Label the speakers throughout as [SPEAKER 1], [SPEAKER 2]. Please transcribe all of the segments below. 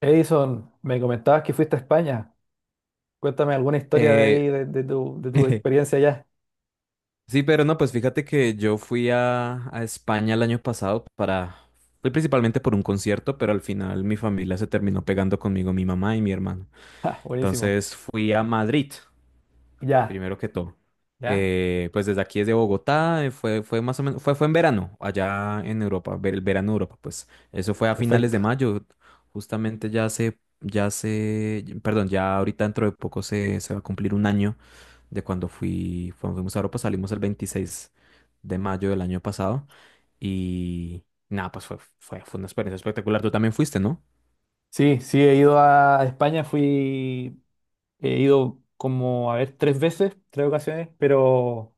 [SPEAKER 1] Edison, me comentabas que fuiste a España. Cuéntame alguna historia de
[SPEAKER 2] Eh,
[SPEAKER 1] ahí, de tu experiencia allá.
[SPEAKER 2] sí, pero no, pues fíjate que yo fui a España el año pasado para... Fui principalmente por un concierto, pero al final mi familia se terminó pegando conmigo, mi mamá y mi hermano.
[SPEAKER 1] Ja, buenísimo.
[SPEAKER 2] Entonces fui a Madrid,
[SPEAKER 1] Ya.
[SPEAKER 2] primero que todo.
[SPEAKER 1] ¿Ya?
[SPEAKER 2] Pues desde aquí, desde Bogotá, fue más o menos, fue en verano, allá en Europa, el verano de Europa, pues eso fue a finales
[SPEAKER 1] Perfecto.
[SPEAKER 2] de mayo, justamente ya ahorita dentro de poco se va a cumplir un año de cuando fui, cuando fuimos a Europa, salimos el 26 de mayo del año pasado y nada, pues fue una experiencia espectacular. Tú también fuiste, ¿no?
[SPEAKER 1] Sí, sí, he ido a España, fui, he ido como, a ver, tres veces, tres ocasiones, pero...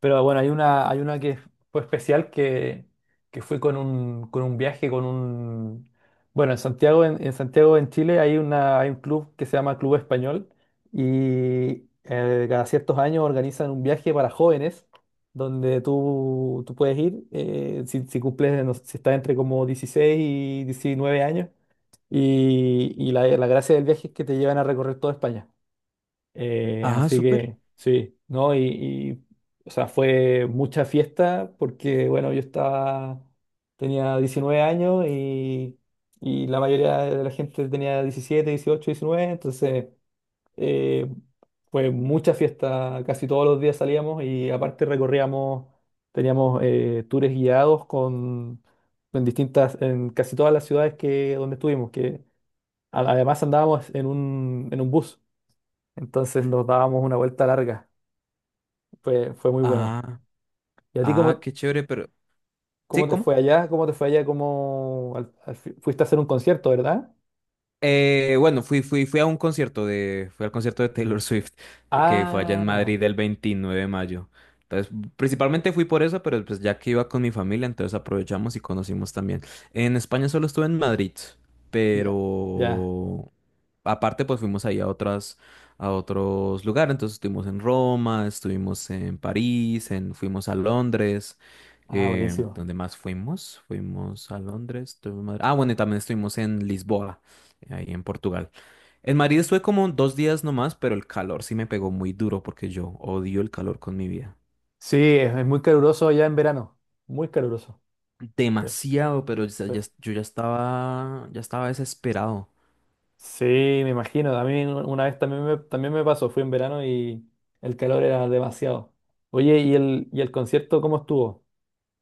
[SPEAKER 1] Pero bueno, hay una que fue especial, que fue con un, viaje, con un... Bueno, en Santiago, en Santiago, en Chile, hay un club que se llama Club Español. Y cada ciertos años organizan un viaje para jóvenes donde tú puedes ir, si cumples, no sé, si estás entre como 16 y 19 años, y, la gracia del viaje es que te llevan a recorrer toda España.
[SPEAKER 2] Ah,
[SPEAKER 1] Así
[SPEAKER 2] súper.
[SPEAKER 1] que sí, ¿no? Y, y, o sea, fue mucha fiesta porque, bueno, yo estaba, tenía 19 años, y la mayoría de la gente tenía 17, 18, 19. Entonces eh, fue mucha fiesta, casi todos los días salíamos, y aparte recorríamos, teníamos, tours guiados con, en distintas, en casi todas las ciudades que, donde estuvimos, que además andábamos en un, bus. Entonces nos dábamos una vuelta larga. Fue muy bueno.
[SPEAKER 2] Ah,
[SPEAKER 1] ¿Y a ti
[SPEAKER 2] ah,
[SPEAKER 1] cómo,
[SPEAKER 2] qué chévere, pero... ¿Sí?
[SPEAKER 1] te fue
[SPEAKER 2] ¿Cómo?
[SPEAKER 1] allá? ¿Cómo te fue allá? ¿Cómo fuiste a hacer un concierto, verdad?
[SPEAKER 2] Bueno, fui a un fui al concierto de Taylor Swift, de que fue allá en
[SPEAKER 1] Ah,
[SPEAKER 2] Madrid el 29 de mayo. Entonces, principalmente fui por eso, pero pues ya que iba con mi familia, entonces aprovechamos y conocimos también. En España solo estuve en Madrid,
[SPEAKER 1] ya. Ya.
[SPEAKER 2] pero aparte pues fuimos ahí a a otros lugares. Entonces estuvimos en Roma, estuvimos en París, fuimos a Londres.
[SPEAKER 1] Ah, buenísimo.
[SPEAKER 2] ¿Dónde más fuimos? Fuimos a Londres. Estuvimos en Madrid. Ah, bueno, y también estuvimos en Lisboa ahí en Portugal. En Madrid estuve como dos días nomás, pero el calor sí me pegó muy duro porque yo odio el calor con mi vida.
[SPEAKER 1] Sí, es muy caluroso allá en verano. Muy caluroso. Sí,
[SPEAKER 2] Demasiado, pero
[SPEAKER 1] sí.
[SPEAKER 2] yo ya estaba desesperado.
[SPEAKER 1] Sí, me imagino. A mí una vez también me pasó. Fui en verano y el calor era demasiado. Oye, ¿y el concierto cómo estuvo?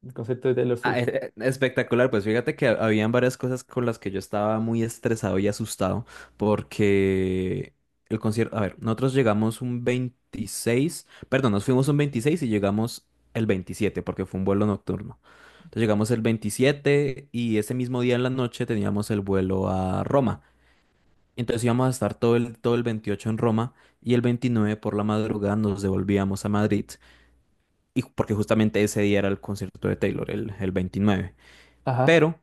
[SPEAKER 1] El concierto de Taylor
[SPEAKER 2] Ah,
[SPEAKER 1] Swift.
[SPEAKER 2] espectacular, pues fíjate que habían varias cosas con las que yo estaba muy estresado y asustado porque el concierto, a ver, nosotros llegamos un 26 perdón, nos fuimos un 26 y llegamos el 27 porque fue un vuelo nocturno. Entonces llegamos el 27 y ese mismo día en la noche teníamos el vuelo a Roma. Entonces íbamos a estar todo el 28 en Roma y el 29 por la madrugada nos devolvíamos a Madrid y porque justamente ese día era el concierto de Taylor, el 29.
[SPEAKER 1] Ajá.
[SPEAKER 2] Pero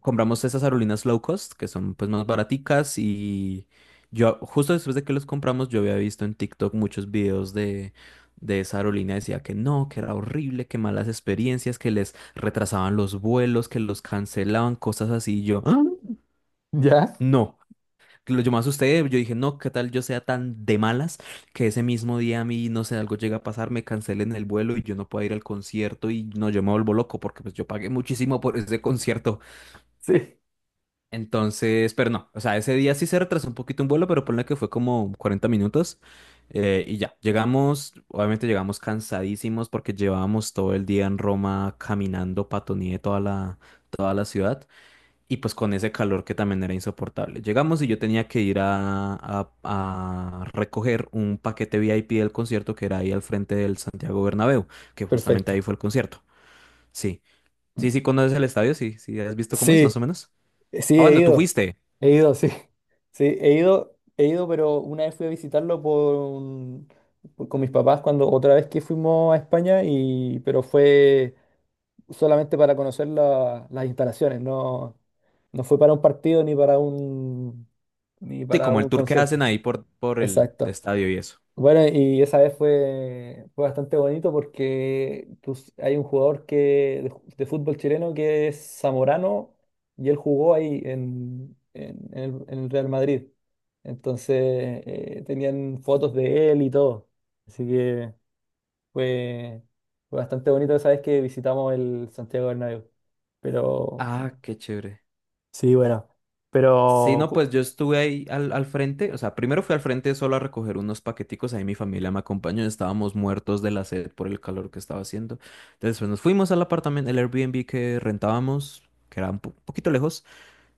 [SPEAKER 2] compramos esas aerolíneas low cost, que son pues más baraticas y yo justo después de que los compramos yo había visto en TikTok muchos videos de esa aerolínea, decía que no, que era horrible, que malas experiencias, que les retrasaban los vuelos, que los cancelaban, cosas así, y yo, "Ah,
[SPEAKER 1] ¿Ya?
[SPEAKER 2] no. Lo yo me asusté, yo dije, no, ¿qué tal yo sea tan de malas que ese mismo día a mí, no sé, algo llega a pasar, me cancelen el vuelo y yo no pueda ir al concierto y no, yo me vuelvo loco porque pues yo pagué muchísimo por ese concierto".
[SPEAKER 1] Sí.
[SPEAKER 2] Entonces, pero no, o sea, ese día sí se retrasó un poquito un vuelo, pero ponle que fue como 40 minutos y ya, llegamos, obviamente llegamos cansadísimos porque llevábamos todo el día en Roma caminando patoné toda la ciudad y pues con ese calor que también era insoportable. Llegamos y yo tenía que ir a recoger un paquete VIP del concierto que era ahí al frente del Santiago Bernabéu, que justamente
[SPEAKER 1] Perfecto.
[SPEAKER 2] ahí fue el concierto. Sí, sí, sí, conoces el estadio, sí, sí, has visto cómo es,
[SPEAKER 1] Sí.
[SPEAKER 2] más o menos.
[SPEAKER 1] Sí,
[SPEAKER 2] Ah, bueno, tú fuiste.
[SPEAKER 1] he ido, sí. Sí, he ido, pero una vez fui a visitarlo con mis papás, cuando otra vez que fuimos a España, y pero fue solamente para conocer las instalaciones, no, no fue para un partido, ni
[SPEAKER 2] Sí,
[SPEAKER 1] para
[SPEAKER 2] como el
[SPEAKER 1] un
[SPEAKER 2] tour que
[SPEAKER 1] concierto.
[SPEAKER 2] hacen ahí por el
[SPEAKER 1] Exacto.
[SPEAKER 2] estadio y eso.
[SPEAKER 1] Bueno, y esa vez fue, fue bastante bonito porque hay un jugador que, de, de fútbol chileno que es Zamorano, y él jugó ahí en el Real Madrid. Entonces tenían fotos de él y todo. Así que fue, fue bastante bonito esa vez que visitamos el Santiago Bernabéu. Pero
[SPEAKER 2] Ah, qué chévere.
[SPEAKER 1] sí, bueno,
[SPEAKER 2] Sí,
[SPEAKER 1] pero
[SPEAKER 2] no,
[SPEAKER 1] cu-
[SPEAKER 2] pues yo estuve ahí al frente, o sea, primero fui al frente solo a recoger unos paqueticos, ahí mi familia me acompañó, estábamos muertos de la sed por el calor que estaba haciendo. Entonces, pues, nos fuimos al apartamento, el Airbnb que rentábamos, que era un poquito lejos.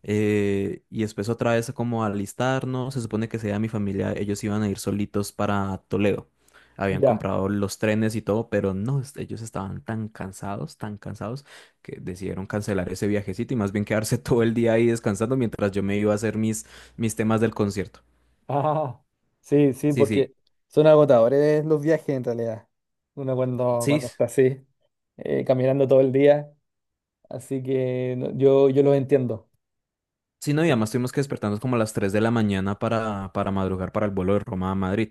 [SPEAKER 2] Y después otra vez como a alistarnos, se supone que sea mi familia, ellos iban a ir solitos para Toledo. Habían
[SPEAKER 1] ya.
[SPEAKER 2] comprado los trenes y todo, pero no, ellos estaban tan cansados, que decidieron cancelar ese viajecito y más bien quedarse todo el día ahí descansando mientras yo me iba a hacer mis temas del concierto.
[SPEAKER 1] Ah, sí, sí,
[SPEAKER 2] Sí, sí,
[SPEAKER 1] porque son agotadores los viajes en realidad. Uno cuando,
[SPEAKER 2] sí,
[SPEAKER 1] cuando está así, caminando todo el día, así que yo, yo los entiendo.
[SPEAKER 2] sí, no, y
[SPEAKER 1] Sí.
[SPEAKER 2] además tuvimos que despertarnos como a las 3 de la mañana para madrugar para el vuelo de Roma a Madrid.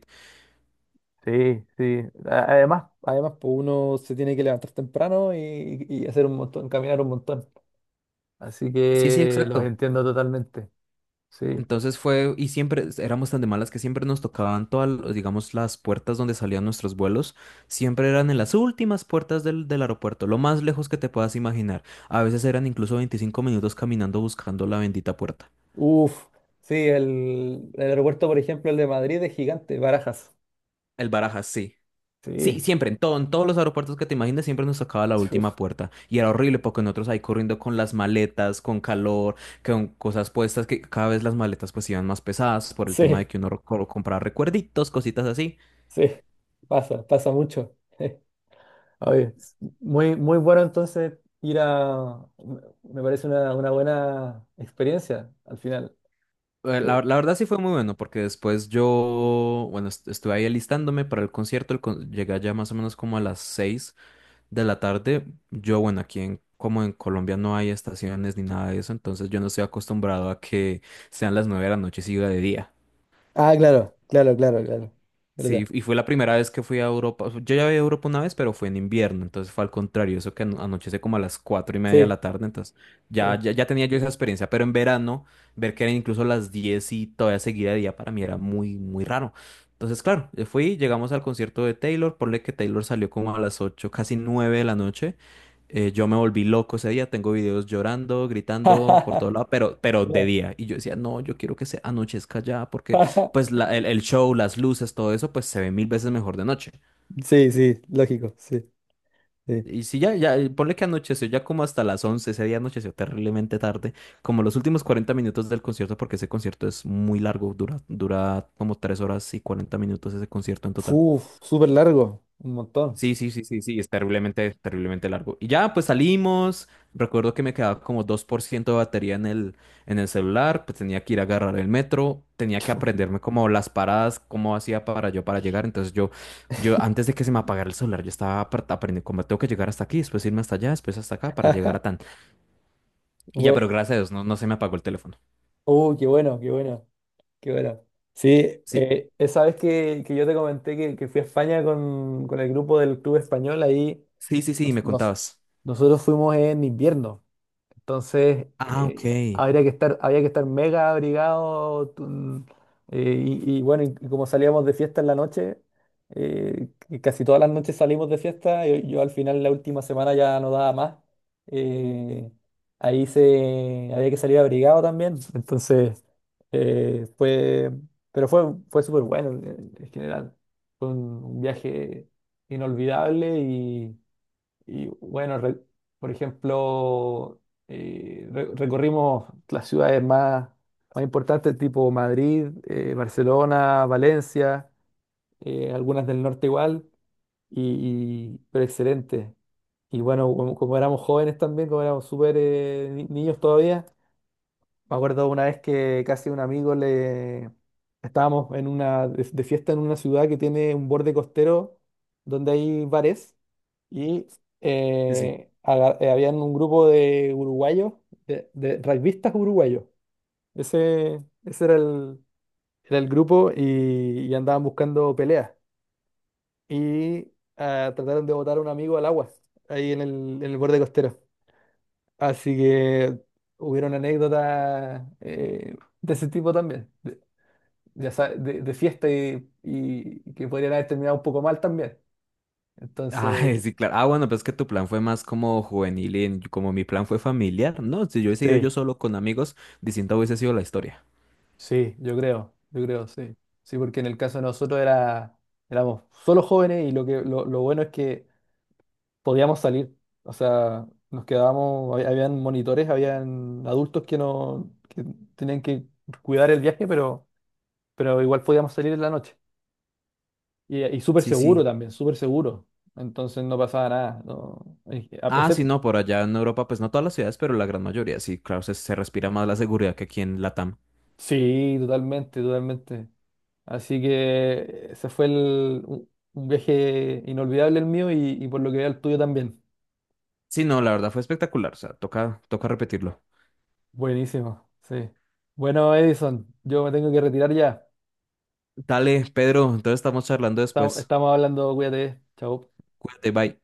[SPEAKER 1] Sí, sí. Además, pues uno se tiene que levantar temprano y hacer un montón, caminar un montón. Así
[SPEAKER 2] Sí, sí,
[SPEAKER 1] que los
[SPEAKER 2] exacto.
[SPEAKER 1] entiendo totalmente. Sí.
[SPEAKER 2] Entonces fue, y siempre éramos tan de malas que siempre nos tocaban todas, digamos, las puertas donde salían nuestros vuelos, siempre eran en las últimas puertas del aeropuerto, lo más lejos que te puedas imaginar. A veces eran incluso 25 minutos caminando buscando la bendita puerta.
[SPEAKER 1] Uf, sí, el aeropuerto, por ejemplo, el de Madrid es gigante, Barajas.
[SPEAKER 2] El Barajas, sí. Sí,
[SPEAKER 1] Sí.
[SPEAKER 2] siempre, en todo, en todos los aeropuertos que te imagines, siempre nos tocaba la última
[SPEAKER 1] Uf,
[SPEAKER 2] puerta. Y era horrible porque nosotros ahí corriendo con las maletas, con calor, con cosas puestas, que cada vez las maletas pues iban más pesadas por el tema de
[SPEAKER 1] sí.
[SPEAKER 2] que uno compraba recuerditos, cositas así.
[SPEAKER 1] Sí, pasa mucho. Oye, muy, muy bueno entonces ir a... Me parece una buena experiencia al final. Eh,
[SPEAKER 2] La verdad sí fue muy bueno porque después yo, bueno, estuve ahí alistándome para el concierto, llegué allá más o menos como a las 6 de la tarde. Yo, bueno, como en Colombia no hay estaciones ni nada de eso, entonces yo no estoy acostumbrado a que sean las 9 de la noche y siga de día.
[SPEAKER 1] Ah, claro, claro, claro, claro.
[SPEAKER 2] Sí,
[SPEAKER 1] ¿Verdad?
[SPEAKER 2] y fue la primera vez que fui a Europa. Yo ya había ido a Europa una vez, pero fue en invierno, entonces fue al contrario, eso que anochece como a las cuatro y media de
[SPEAKER 1] Sí,
[SPEAKER 2] la tarde, entonces
[SPEAKER 1] sí.
[SPEAKER 2] ya tenía yo esa experiencia, pero en verano, ver que eran incluso las 10 y todavía seguía de día para mí era muy, muy raro. Entonces, claro, yo fui, llegamos al concierto de Taylor, ponle que Taylor salió como a las 8 casi 9 de la noche. Yo me volví loco ese día, tengo videos llorando, gritando por todo lado, pero de
[SPEAKER 1] Mira,
[SPEAKER 2] día. Y yo decía, no, yo quiero que se anochezca ya, porque pues el show, las luces, todo eso, pues se ve mil veces mejor de noche.
[SPEAKER 1] Sí, sí, lógico, sí, sí.
[SPEAKER 2] Y si ponle que anocheció ya como hasta las 11 ese día anocheció terriblemente tarde, como los últimos 40 minutos del concierto, porque ese concierto es muy largo, dura como 3 horas y 40 minutos ese concierto en total.
[SPEAKER 1] Uf, súper largo, un montón.
[SPEAKER 2] Sí, sí, sí, sí, sí, es terriblemente, terriblemente largo. Y ya, pues salimos. Recuerdo que me quedaba como 2% de batería en el celular, pues tenía que ir a agarrar el metro, tenía que aprenderme como las paradas, cómo hacía para yo para llegar. Entonces yo antes de que se me apagara el celular, yo estaba aprendiendo cómo tengo que llegar hasta aquí, después irme hasta allá, después hasta acá para llegar a tan. Y ya,
[SPEAKER 1] Bu-
[SPEAKER 2] pero gracias a Dios, no, no se me apagó el teléfono.
[SPEAKER 1] Qué bueno, qué bueno. Qué bueno. Sí,
[SPEAKER 2] Sí,
[SPEAKER 1] esa vez que, yo te comenté que, fui a España con el grupo del Club Español, ahí
[SPEAKER 2] sí, sí, sí,
[SPEAKER 1] nos-
[SPEAKER 2] me
[SPEAKER 1] nos-
[SPEAKER 2] contabas.
[SPEAKER 1] nosotros fuimos en invierno. Entonces,
[SPEAKER 2] Ah, ok. Sí,
[SPEAKER 1] había que estar mega abrigado. Y, y bueno, y como salíamos de fiesta en la noche, que casi todas las noches salimos de fiesta. Yo al final, la última semana ya no daba más. eh, Ahí se, había que salir abrigado también. Entonces, fue, pero fue, fue súper bueno en general. Fue un viaje inolvidable, y bueno, por ejemplo, recorrimos las ciudades más, más importantes, tipo Madrid, Barcelona, Valencia, algunas del norte igual, y, pero excelente. Y bueno, como, como éramos jóvenes también, como éramos súper niños todavía. Me acuerdo una vez que casi un amigo le... Estábamos en de fiesta en una ciudad que tiene un borde costero donde hay bares, y
[SPEAKER 2] sí.
[SPEAKER 1] habían un grupo de uruguayos, de rugbistas uruguayos. Ese, ese era era el grupo, y andaban buscando peleas. Y trataron de botar a un amigo al agua ahí en el borde costero. Así que hubieron anécdotas de ese tipo también, de, de fiesta y que podrían haber terminado un poco mal también.
[SPEAKER 2] Ah,
[SPEAKER 1] Entonces,
[SPEAKER 2] sí, claro. Ah, bueno, pero es que tu plan fue más como juvenil como mi plan fue familiar. No, si yo hubiese ido
[SPEAKER 1] sí,
[SPEAKER 2] yo solo con amigos, distinta hubiese sido la historia.
[SPEAKER 1] sí, yo creo, sí. Sí, porque en el caso de nosotros era, éramos solo jóvenes, y lo que, lo bueno es que podíamos salir. O sea, nos quedábamos, habían monitores, habían adultos que no, que tenían que cuidar el viaje, pero igual podíamos salir en la noche. Y súper
[SPEAKER 2] Sí,
[SPEAKER 1] seguro
[SPEAKER 2] sí.
[SPEAKER 1] también, súper seguro. Entonces no pasaba nada. No,
[SPEAKER 2] Ah, sí,
[SPEAKER 1] excepto,
[SPEAKER 2] no, por allá en Europa, pues no todas las ciudades, pero la gran mayoría, sí, claro, se respira más la seguridad que aquí en Latam.
[SPEAKER 1] sí, totalmente, totalmente. Así que ese fue el, un viaje inolvidable el mío, y por lo que veo el tuyo también.
[SPEAKER 2] Sí, no, la verdad fue espectacular, o sea, toca, toca repetirlo.
[SPEAKER 1] Buenísimo, sí. Bueno, Edison, yo me tengo que retirar ya.
[SPEAKER 2] Dale, Pedro, entonces estamos charlando
[SPEAKER 1] Estamos,
[SPEAKER 2] después.
[SPEAKER 1] estamos hablando, cuídate. Chao.
[SPEAKER 2] Cuídate, bye.